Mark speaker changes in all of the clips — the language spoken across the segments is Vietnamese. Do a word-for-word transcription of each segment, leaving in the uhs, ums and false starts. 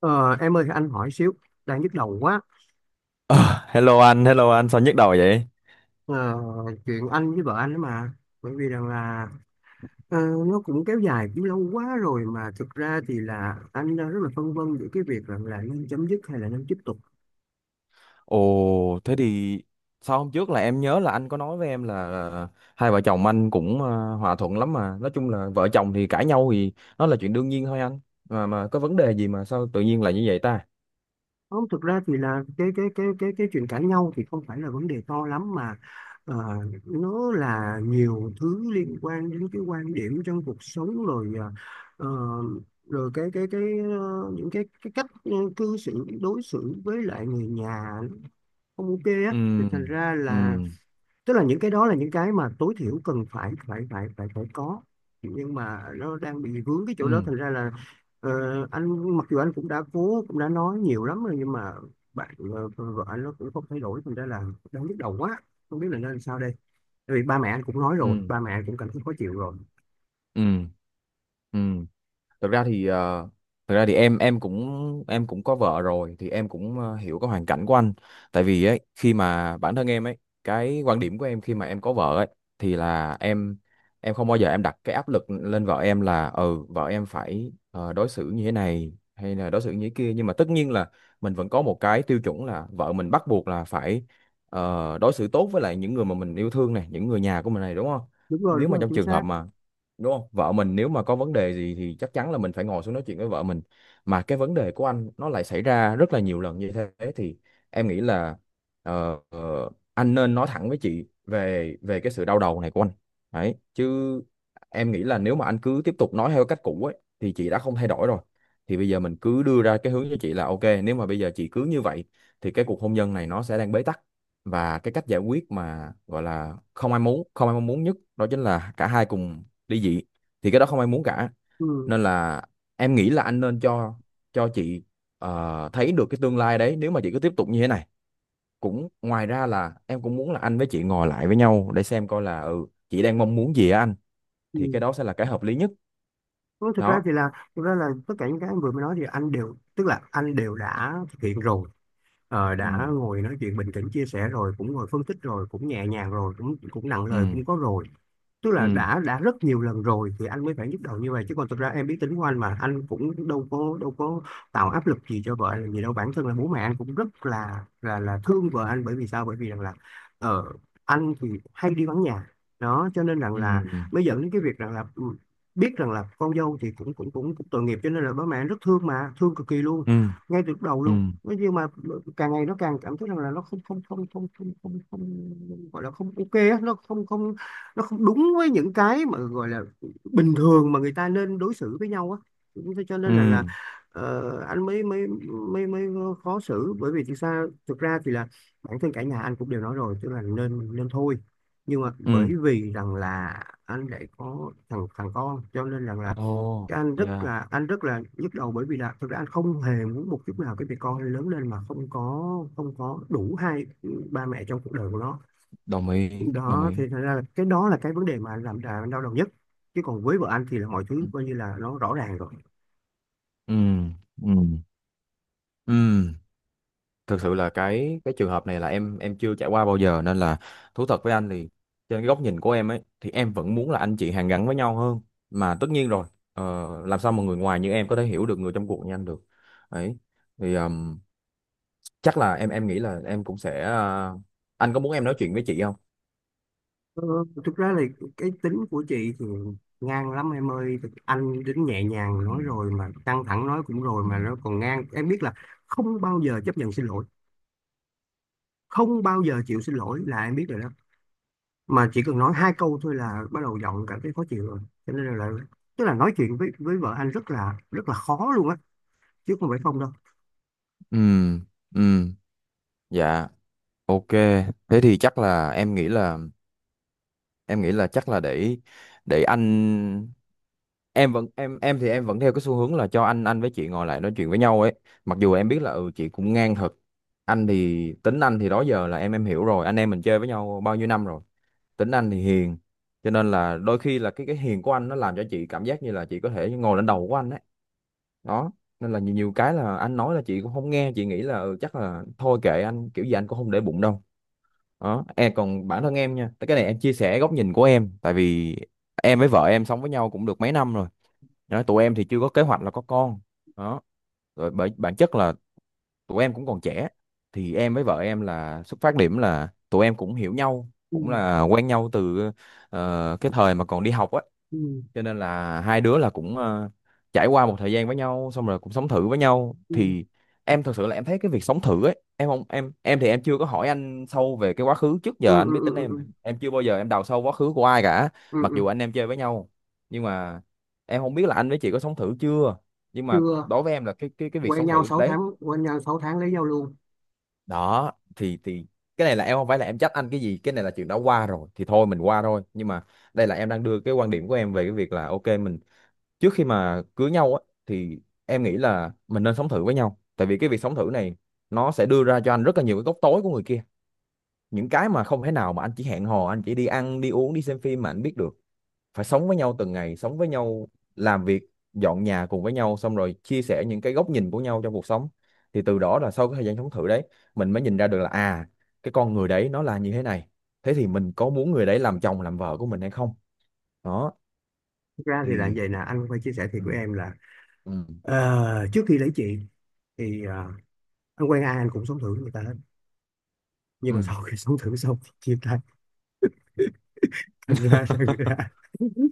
Speaker 1: Ờ, em ơi, anh hỏi xíu. Đang nhức đầu quá.
Speaker 2: Ờ, Hello anh, hello anh, sao nhức đầu vậy?
Speaker 1: Ờ, Chuyện anh với vợ anh đó mà, bởi vì rằng là ờ, nó cũng kéo dài cũng lâu quá rồi, mà thực ra thì là anh đang rất là phân vân giữa cái việc rằng là nên chấm dứt hay là nên tiếp tục.
Speaker 2: Ồ, thế thì sao hôm trước là em nhớ là anh có nói với em là ờ, hai vợ chồng anh cũng ờ, hòa thuận lắm mà. Nói chung là vợ chồng thì cãi nhau thì nó là chuyện đương nhiên thôi anh. Mà mà có vấn đề gì mà sao tự nhiên lại như vậy ta?
Speaker 1: Không, thực ra thì là cái cái cái cái cái chuyện cãi nhau thì không phải là vấn đề to lắm mà, ờ, nó là nhiều thứ liên quan đến cái quan điểm trong cuộc sống rồi. ờ, ờ, Rồi cái cái cái ờ, những cái cái cách ờ, cư xử đối xử với lại người nhà không ok á thì
Speaker 2: Ừ,
Speaker 1: thành ra là
Speaker 2: ừ,
Speaker 1: tức là những cái đó là những cái mà tối thiểu cần phải phải phải phải phải có, nhưng mà nó đang bị vướng cái chỗ đó
Speaker 2: ừ,
Speaker 1: thành ra là ờ, anh mặc dù anh cũng đã cố, cũng đã nói nhiều lắm rồi, nhưng mà bạn ờ, vợ anh nó cũng không thay đổi thành ra là đang nhức đầu quá, không biết là nên sao đây. Tại vì ba mẹ anh cũng nói rồi,
Speaker 2: ừ,
Speaker 1: ba mẹ anh cũng cảm thấy khó chịu rồi.
Speaker 2: ừ, ừ. thực ra thì ờ, Thực ra thì em em cũng em cũng có vợ rồi thì em cũng ờ, hiểu cái hoàn cảnh của anh. Tại vì ấy, khi mà bản thân em ấy, cái quan điểm của em khi mà em có vợ ấy thì là em em không bao giờ em đặt cái áp lực lên vợ em là ừ vợ em phải ờ, đối xử như thế này hay là đối xử như thế kia, nhưng mà tất nhiên là mình vẫn có một cái tiêu chuẩn là vợ mình bắt buộc là phải ờ, đối xử tốt với lại những người mà mình yêu thương này, những người nhà của mình này, đúng không?
Speaker 1: Đúng rồi,
Speaker 2: Nếu
Speaker 1: đúng
Speaker 2: mà
Speaker 1: rồi,
Speaker 2: trong
Speaker 1: chính
Speaker 2: trường hợp
Speaker 1: xác.
Speaker 2: mà, đúng không, vợ mình nếu mà có vấn đề gì thì chắc chắn là mình phải ngồi xuống nói chuyện với vợ mình. Mà cái vấn đề của anh nó lại xảy ra rất là nhiều lần như thế thì em nghĩ là ờ, ờ, anh nên nói thẳng với chị về về cái sự đau đầu này của anh đấy chứ. Em nghĩ là nếu mà anh cứ tiếp tục nói theo cách cũ ấy thì chị đã không thay đổi rồi, thì bây giờ mình cứ đưa ra cái hướng cho chị là ok, nếu mà bây giờ chị cứ như vậy thì cái cuộc hôn nhân này nó sẽ đang bế tắc, và cái cách giải quyết mà gọi là không ai muốn, không ai mong muốn nhất đó chính là cả hai cùng ly dị. Thì cái đó không ai muốn cả,
Speaker 1: Ừ.
Speaker 2: nên là em nghĩ là anh nên cho cho chị ờ, thấy được cái tương lai đấy nếu mà chị cứ tiếp tục như thế này. Cũng ngoài ra là em cũng muốn là anh với chị ngồi lại với nhau để xem coi là ừ chị đang mong muốn gì á anh,
Speaker 1: Ừ.
Speaker 2: thì cái đó sẽ là cái hợp lý nhất
Speaker 1: Thôi, thực ra
Speaker 2: đó.
Speaker 1: thì là thực ra là tất cả những cái anh vừa mới nói thì anh đều tức là anh đều đã thực hiện rồi. Ờ,
Speaker 2: Ừ.
Speaker 1: đã ngồi nói chuyện bình tĩnh chia sẻ rồi, cũng ngồi phân tích rồi, cũng nhẹ nhàng rồi, cũng cũng nặng lời
Speaker 2: Ừ.
Speaker 1: cũng có rồi. Tức là
Speaker 2: Ừ.
Speaker 1: đã đã rất nhiều lần rồi thì anh mới phải nhức đầu như vậy, chứ còn thực ra em biết tính của anh mà, anh cũng đâu có đâu có tạo áp lực gì cho vợ anh làm gì đâu. Bản thân là bố mẹ anh cũng rất là là là thương vợ anh, bởi vì sao? Bởi vì rằng là ờ, anh thì hay đi vắng nhà. Đó cho nên rằng
Speaker 2: Ừ.
Speaker 1: là mới dẫn đến cái việc rằng là ừ, biết rằng là con dâu thì cũng cũng cũng, cũng tội nghiệp, cho nên là bố mẹ anh rất thương, mà thương cực kỳ luôn
Speaker 2: Ừ.
Speaker 1: ngay từ lúc đầu
Speaker 2: Ừ.
Speaker 1: luôn. Nói nhưng mà ừ, càng ngày nó càng cảm thấy rằng là nó không không không không không không, không gọi là không ok á, nó không không nó không đúng với những cái mà gọi là bình thường mà người ta nên đối xử với nhau á. Thế cho nên
Speaker 2: Ừ.
Speaker 1: là là ờ, anh mới mới mới mới khó xử, bởi vì thực ra thực ra thì là bản thân cả nhà anh cũng đều nói rồi, tức là nên nên thôi. Nhưng mà bởi
Speaker 2: Ừ.
Speaker 1: vì rằng là anh lại có thằng thằng con, cho nên rằng là
Speaker 2: Ồ.
Speaker 1: cái anh rất
Speaker 2: Dạ.
Speaker 1: là anh rất là nhức đầu, bởi vì là thực ra anh không hề muốn một chút nào cái việc con lớn lên mà không có không có đủ hai ba mẹ trong cuộc đời của nó.
Speaker 2: Đồng ý, đồng
Speaker 1: Đó
Speaker 2: ý.
Speaker 1: thì thành ra là cái đó là cái vấn đề mà làm đà đau đầu nhất, chứ còn với vợ anh thì là mọi thứ coi như là nó rõ ràng rồi.
Speaker 2: Ừ. Ừ. Ừ. Thực sự là cái cái trường hợp này là em em chưa trải qua bao giờ nên là thú thật với anh thì trên cái góc nhìn của em ấy thì em vẫn muốn là anh chị hàn gắn với nhau hơn, mà tất nhiên rồi, ờ, làm sao mà người ngoài như em có thể hiểu được người trong cuộc như anh được ấy, thì ừm, chắc là em em nghĩ là em cũng sẽ ờ, anh có muốn em nói chuyện với chị không?
Speaker 1: ờ, Thực ra là cái tính của chị thì ngang lắm em ơi. Thực- anh đến nhẹ nhàng
Speaker 2: Ừ.
Speaker 1: nói rồi, mà căng thẳng nói cũng rồi,
Speaker 2: Ừ.
Speaker 1: mà nó còn ngang. Em biết là không bao giờ chấp nhận xin lỗi, không bao giờ chịu xin lỗi, là em biết rồi đó. Mà chỉ cần nói hai câu thôi là bắt đầu giọng cảm thấy khó chịu rồi, cho nên là tức là nói chuyện với với vợ anh rất là rất là khó luôn á, chứ không phải không đâu.
Speaker 2: Ừ, ừ, dạ, ok. Thế thì chắc là em nghĩ là em nghĩ là chắc là để để anh, em vẫn em em thì em vẫn theo cái xu hướng là cho anh anh với chị ngồi lại nói chuyện với nhau ấy. Mặc dù em biết là ừ chị cũng ngang thật, anh thì tính anh thì đó giờ là em em hiểu rồi, anh em mình chơi với nhau bao nhiêu năm rồi. Tính anh thì hiền, cho nên là đôi khi là cái cái hiền của anh nó làm cho chị cảm giác như là chị có thể ngồi lên đầu của anh ấy đó, nên là nhiều, nhiều cái là anh nói là chị cũng không nghe, chị nghĩ là ừ, chắc là thôi kệ anh, kiểu gì anh cũng không để bụng đâu đó. Em còn bản thân em nha, cái này em chia sẻ góc nhìn của em, tại vì em với vợ em sống với nhau cũng được mấy năm rồi đó. Tụi em thì chưa có kế hoạch là có con đó, rồi bởi bản chất là tụi em cũng còn trẻ. Thì em với vợ em là xuất phát điểm là tụi em cũng hiểu nhau,
Speaker 1: Ừ,
Speaker 2: cũng là quen nhau từ ờ, cái thời mà còn đi học á,
Speaker 1: ừ,
Speaker 2: cho nên là hai đứa là cũng ờ, trải qua một thời gian với nhau, xong rồi cũng sống thử với nhau
Speaker 1: ừ,
Speaker 2: thì em thật sự là em thấy cái việc sống thử ấy, em không em em thì em chưa có hỏi anh sâu về cái quá khứ, trước
Speaker 1: ừ,
Speaker 2: giờ anh
Speaker 1: ừ,
Speaker 2: biết tính
Speaker 1: ừ.
Speaker 2: em
Speaker 1: Ừ.
Speaker 2: em chưa bao giờ em đào sâu quá khứ của ai cả,
Speaker 1: Ừ,
Speaker 2: mặc
Speaker 1: ừ.
Speaker 2: dù anh em chơi với nhau. Nhưng mà em không biết là anh với chị có sống thử chưa, nhưng mà
Speaker 1: Chưa.
Speaker 2: đối với em là cái cái cái việc
Speaker 1: Quen
Speaker 2: sống
Speaker 1: nhau
Speaker 2: thử
Speaker 1: sáu
Speaker 2: đấy
Speaker 1: tháng quen nhau sáu tháng lấy nhau luôn.
Speaker 2: đó thì thì cái này là em không phải là em trách anh cái gì, cái này là chuyện đã qua rồi thì thôi mình qua thôi. Nhưng mà đây là em đang đưa cái quan điểm của em về cái việc là ok, mình trước khi mà cưới nhau á thì em nghĩ là mình nên sống thử với nhau, tại vì cái việc sống thử này nó sẽ đưa ra cho anh rất là nhiều cái góc tối của người kia, những cái mà không thể nào mà anh chỉ hẹn hò, anh chỉ đi ăn đi uống đi xem phim mà anh biết được. Phải sống với nhau từng ngày, sống với nhau, làm việc, dọn nhà cùng với nhau, xong rồi chia sẻ những cái góc nhìn của nhau trong cuộc sống, thì từ đó là sau cái thời gian sống thử đấy mình mới nhìn ra được là à, cái con người đấy nó là như thế này, thế thì mình có muốn người đấy làm chồng làm vợ của mình hay không đó.
Speaker 1: Thực ra thì là
Speaker 2: Thì
Speaker 1: vậy nè, anh phải chia sẻ thiệt
Speaker 2: ừ.
Speaker 1: của em là
Speaker 2: Ừ.
Speaker 1: ờ, trước khi lấy chị thì ờ, anh quen ai anh cũng sống thử người ta hết, nhưng mà
Speaker 2: Ừ.
Speaker 1: sau khi sống thử xong thì chia tay. thành ra rằng là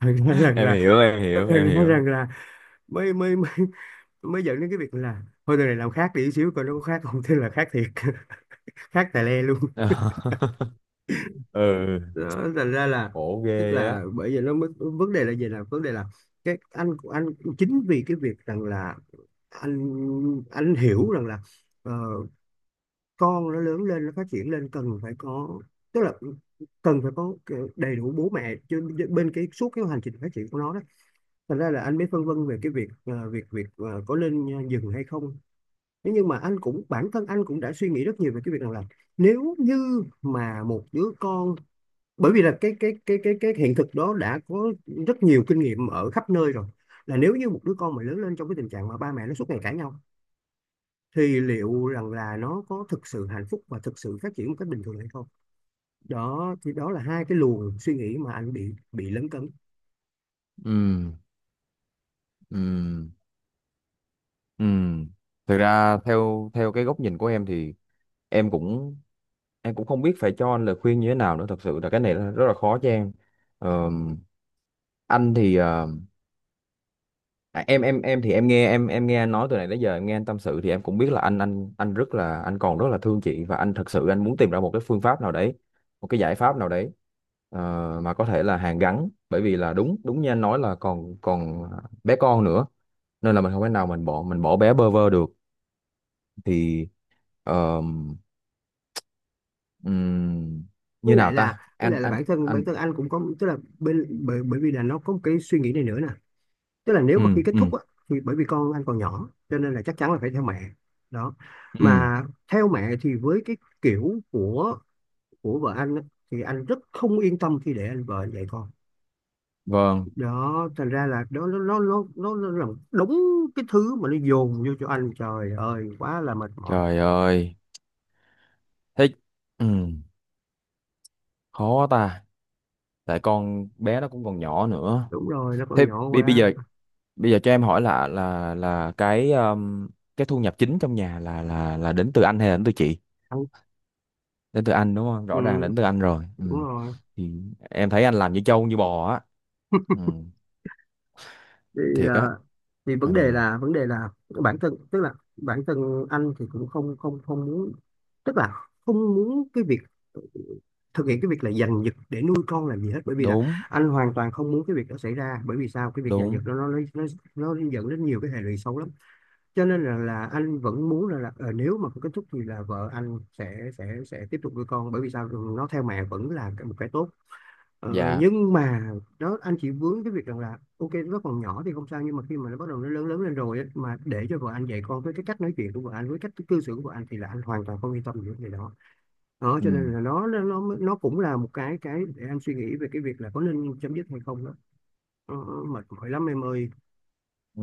Speaker 1: thành ra rằng
Speaker 2: Em
Speaker 1: là
Speaker 2: hiểu, em hiểu, em
Speaker 1: thành ra
Speaker 2: hiểu.
Speaker 1: rằng là mới mới mới mới dẫn đến cái việc là thôi đời này làm khác đi xíu, coi nó có khác không. Thế là khác thiệt khác tài le luôn.
Speaker 2: Ừ.
Speaker 1: Đó, thành ra là
Speaker 2: Khổ
Speaker 1: tức
Speaker 2: ghê á.
Speaker 1: là bởi vì nó mới- vấn đề là gì, là vấn đề là cái anh anh chính vì cái việc rằng là anh anh hiểu rằng là ờ, con nó lớn lên nó phát triển lên cần phải có, tức là cần phải có cái đầy đủ bố mẹ chứ, bên cái suốt cái hành trình phát triển của nó. Đó thành ra là anh mới phân vân về cái việc ờ, việc việc ờ, có nên dừng hay không. Thế nhưng mà anh cũng bản thân anh cũng đã suy nghĩ rất nhiều về cái việc rằng là nếu như mà một đứa con, bởi vì là cái cái cái cái cái hiện thực đó đã có rất nhiều kinh nghiệm ở khắp nơi rồi, là nếu như một đứa con mà lớn lên trong cái tình trạng mà ba mẹ nó suốt ngày cãi nhau thì liệu rằng là nó có thực sự hạnh phúc và thực sự phát triển một cách bình thường hay không. Đó thì đó là hai cái luồng suy nghĩ mà anh bị bị lấn cấn.
Speaker 2: Ừ. Ừ. Ừ. Thực ra theo theo cái góc nhìn của em thì em cũng em cũng không biết phải cho anh lời khuyên như thế nào nữa, thật sự là cái này là rất là khó cho em. Ờm, anh thì ờ, à, em em em thì em nghe em em nghe anh nói từ này tới giờ, em nghe anh tâm sự thì em cũng biết là anh anh anh rất là, anh còn rất là thương chị, và anh thật sự anh muốn tìm ra một cái phương pháp nào đấy, một cái giải pháp nào đấy, ờ, mà có thể là hàn gắn, bởi vì là đúng, đúng như anh nói là còn còn bé con nữa, nên là mình không thể nào mình bỏ, mình bỏ bé bơ vơ được. Thì ờ, ừm,
Speaker 1: với
Speaker 2: như
Speaker 1: lại
Speaker 2: nào
Speaker 1: là
Speaker 2: ta
Speaker 1: với
Speaker 2: anh,
Speaker 1: lại là
Speaker 2: anh
Speaker 1: bản thân bản
Speaker 2: anh
Speaker 1: thân anh cũng có, tức là bên bởi, bởi vì là nó có một cái suy nghĩ này nữa nè. Tức là nếu
Speaker 2: ừ.
Speaker 1: mà khi kết
Speaker 2: Ừ.
Speaker 1: thúc á, thì bởi vì con anh còn nhỏ cho nên là chắc chắn là phải theo mẹ. Đó,
Speaker 2: Ừ.
Speaker 1: mà theo mẹ thì với cái kiểu của của vợ anh á, thì anh rất không yên tâm khi để anh vợ dạy con.
Speaker 2: Vâng.
Speaker 1: Đó thành ra là đó nó nó nó nó nó là đúng cái thứ mà nó dồn vô cho anh, trời ơi quá là mệt mỏi.
Speaker 2: Trời ơi. Thích. Ừ. Khó ta, tại con bé nó cũng còn nhỏ nữa.
Speaker 1: Đúng rồi, nó còn
Speaker 2: Thế
Speaker 1: nhỏ
Speaker 2: bi bây
Speaker 1: quá
Speaker 2: giờ bây giờ cho em hỏi là là là cái um, cái thu nhập chính trong nhà là là là đến từ anh hay là đến từ chị?
Speaker 1: anh.
Speaker 2: Đến từ anh đúng không? Rõ ràng là
Speaker 1: Ừ,
Speaker 2: đến từ anh rồi,
Speaker 1: đúng
Speaker 2: ừ.
Speaker 1: rồi.
Speaker 2: Thì em thấy anh làm như trâu như bò á. Ừ.
Speaker 1: thì
Speaker 2: Thiệt á.
Speaker 1: ờ, thì vấn
Speaker 2: Ừ.
Speaker 1: đề là vấn đề là bản thân tức là bản thân anh thì cũng không không không muốn, tức là không muốn cái việc thực hiện cái việc là giành giật để nuôi con làm gì hết, bởi vì là
Speaker 2: Đúng,
Speaker 1: anh hoàn toàn không muốn cái việc đó xảy ra. Bởi vì sao? Cái việc giành giật
Speaker 2: đúng.
Speaker 1: đó nó nó nó, nó dẫn đến nhiều cái hệ lụy xấu lắm. Cho nên là, là anh vẫn muốn là, là ờ, nếu mà có kết thúc thì là vợ anh sẽ sẽ sẽ tiếp tục nuôi con. Bởi vì sao? Nó theo mẹ vẫn là một cái tốt. Ờ,
Speaker 2: Dạ.
Speaker 1: nhưng mà đó, anh chỉ vướng cái việc rằng là ok nó còn nhỏ thì không sao, nhưng mà khi mà nó bắt đầu nó lớn lớn lên rồi á, mà để cho vợ anh dạy con với cái cách nói chuyện của vợ anh, với cách cư xử của vợ anh, thì là anh hoàn toàn không yên tâm về cái đó. Đó
Speaker 2: Ừ.
Speaker 1: cho nên là nó nó nó nó cũng là một cái cái để anh suy nghĩ về cái việc là có nên chấm dứt hay không. Đó ờ, mệt mỏi lắm em ơi.
Speaker 2: Ừ.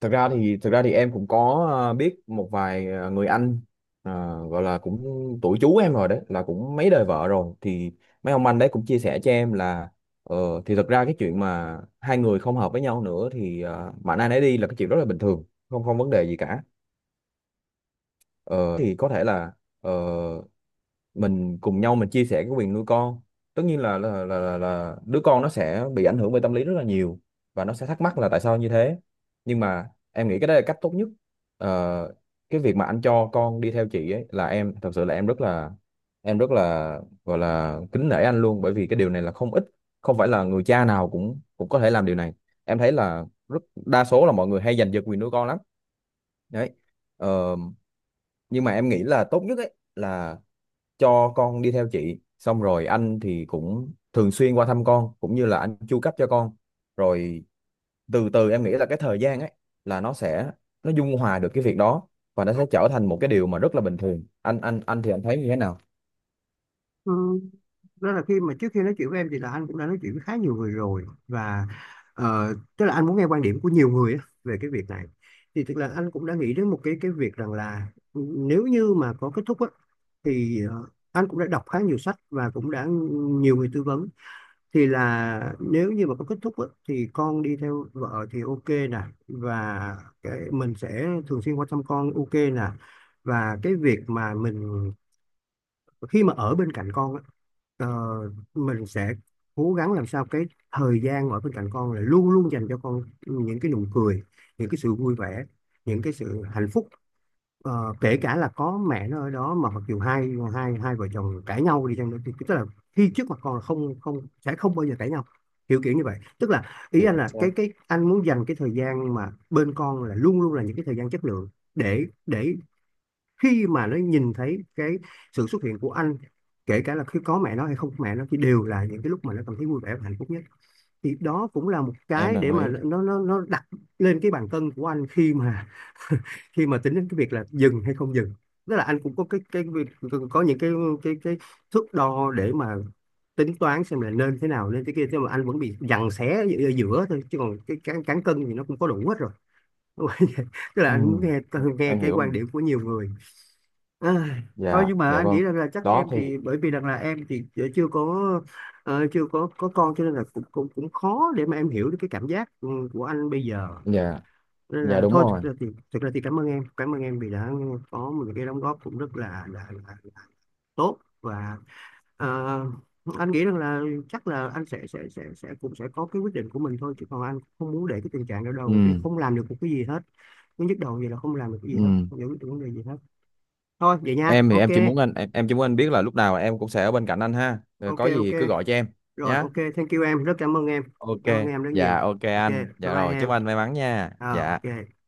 Speaker 2: Thực ra thì thực ra thì em cũng có ờ, biết một vài ờ, người anh ờ, gọi là cũng tuổi chú em rồi, đấy là cũng mấy đời vợ rồi, thì mấy ông anh đấy cũng chia sẻ cho em là ờ, thì thực ra cái chuyện mà hai người không hợp với nhau nữa thì uh, mạnh ai nấy đi là cái chuyện rất là bình thường, không, không vấn đề gì cả. Ờ, thì có thể là ờ, mình cùng nhau mình chia sẻ cái quyền nuôi con, tất nhiên là là, là là là đứa con nó sẽ bị ảnh hưởng về tâm lý rất là nhiều, và nó sẽ thắc mắc là tại sao như thế, nhưng mà em nghĩ cái đó là cách tốt nhất. Ờ, cái việc mà anh cho con đi theo chị ấy là em thật sự là em rất là, em rất là gọi là kính nể anh luôn, bởi vì cái điều này là không ít, không phải là người cha nào cũng cũng có thể làm điều này. Em thấy là rất đa số là mọi người hay giành giật quyền nuôi con lắm đấy. Ờ, nhưng mà em nghĩ là tốt nhất ấy là cho con đi theo chị, xong rồi anh thì cũng thường xuyên qua thăm con, cũng như là anh chu cấp cho con. Rồi từ từ em nghĩ là cái thời gian ấy là nó sẽ, nó dung hòa được cái việc đó, và nó sẽ trở thành một cái điều mà rất là bình thường. Anh anh anh thì anh thấy như thế nào?
Speaker 1: Ừ. Đó là khi mà, trước khi nói chuyện với em thì là anh cũng đã nói chuyện với khá nhiều người rồi, và ờ, tức là anh muốn nghe quan điểm của nhiều người á, về cái việc này. Thì tức là anh cũng đã nghĩ đến một cái cái việc rằng là nếu như mà có kết thúc á, thì ờ, anh cũng đã đọc khá nhiều sách và cũng đã nhiều người tư vấn. Thì là nếu như mà có kết thúc á, thì con đi theo vợ thì ok nè, và cái mình sẽ thường xuyên quan tâm con ok nè. Và cái việc mà mình khi mà ở bên cạnh con á, Ờ, mình sẽ cố gắng làm sao cái thời gian ở bên cạnh con là luôn luôn dành cho con những cái nụ cười, những cái sự vui vẻ, những cái sự hạnh phúc. Ờ, kể cả là có mẹ nó ở đó, mà mặc dù hai hai hai vợ chồng cãi nhau đi chăng nữa, thì tức là khi trước mặt con là không không sẽ không bao giờ cãi nhau. Kiểu kiểu như vậy, tức là ý
Speaker 2: Chính
Speaker 1: anh là
Speaker 2: xác.
Speaker 1: cái cái anh muốn dành cái thời gian mà bên con là luôn luôn là những cái thời gian chất lượng, để để khi mà nó nhìn thấy cái sự xuất hiện của anh, kể cả là khi có mẹ nó hay không có mẹ nó, thì đều là những cái lúc mà nó cảm thấy vui vẻ và hạnh phúc nhất. Thì đó cũng là một
Speaker 2: Em
Speaker 1: cái
Speaker 2: đồng
Speaker 1: để mà
Speaker 2: ý.
Speaker 1: nó nó nó đặt lên cái bàn cân của anh, khi mà khi mà tính đến cái việc là dừng hay không dừng. Tức là anh cũng có cái cái việc, có những cái cái cái thước đo để mà tính toán xem là nên thế nào nên thế kia. Thế mà anh vẫn bị giằng xé ở giữa thôi, chứ còn cái cán cán cân thì nó cũng có đủ hết rồi. Tức là
Speaker 2: Ừ,
Speaker 1: anh muốn nghe nghe
Speaker 2: em
Speaker 1: cái
Speaker 2: hiểu
Speaker 1: quan
Speaker 2: rồi.
Speaker 1: điểm của nhiều người. À, thôi
Speaker 2: Dạ,
Speaker 1: nhưng mà
Speaker 2: dạ,
Speaker 1: anh
Speaker 2: vâng.
Speaker 1: nghĩ rằng là chắc
Speaker 2: Đó
Speaker 1: em
Speaker 2: thì
Speaker 1: thì, bởi vì rằng là em thì chưa có ờ, chưa có có con, cho nên là cũng cũng cũng khó để mà em hiểu được cái cảm giác ừ, của anh bây giờ.
Speaker 2: dạ,
Speaker 1: Nên
Speaker 2: dạ,
Speaker 1: là
Speaker 2: đúng
Speaker 1: thôi, thực
Speaker 2: rồi.
Speaker 1: ra thì thực ra thì cảm ơn em, cảm ơn em vì đã có một cái đóng góp cũng rất là là, là, là tốt, và ờ, anh nghĩ rằng là chắc là anh sẽ sẽ sẽ sẽ cũng sẽ có cái quyết định của mình thôi, chứ còn anh không muốn để cái tình trạng đó
Speaker 2: Ừ.
Speaker 1: đâu vì không làm được một cái gì hết. Cứ nhức đầu vậy là không làm được cái gì
Speaker 2: Ừ.
Speaker 1: hết, không giải quyết được vấn đề gì hết. Thôi vậy nha.
Speaker 2: Em thì
Speaker 1: Ok,
Speaker 2: em chỉ muốn anh, em, em chỉ muốn anh biết là lúc nào em cũng sẽ ở bên cạnh anh ha. Rồi
Speaker 1: ok,
Speaker 2: có
Speaker 1: ok.
Speaker 2: gì cứ gọi cho em
Speaker 1: Rồi
Speaker 2: nhá,
Speaker 1: ok, thank you em. Rất cảm ơn em,
Speaker 2: ok.
Speaker 1: cảm ơn em rất nhiều.
Speaker 2: Dạ, ok
Speaker 1: Ok,
Speaker 2: anh,
Speaker 1: bye
Speaker 2: dạ
Speaker 1: bye
Speaker 2: rồi, chúc
Speaker 1: em.
Speaker 2: anh may mắn nha,
Speaker 1: À,
Speaker 2: dạ.
Speaker 1: ok.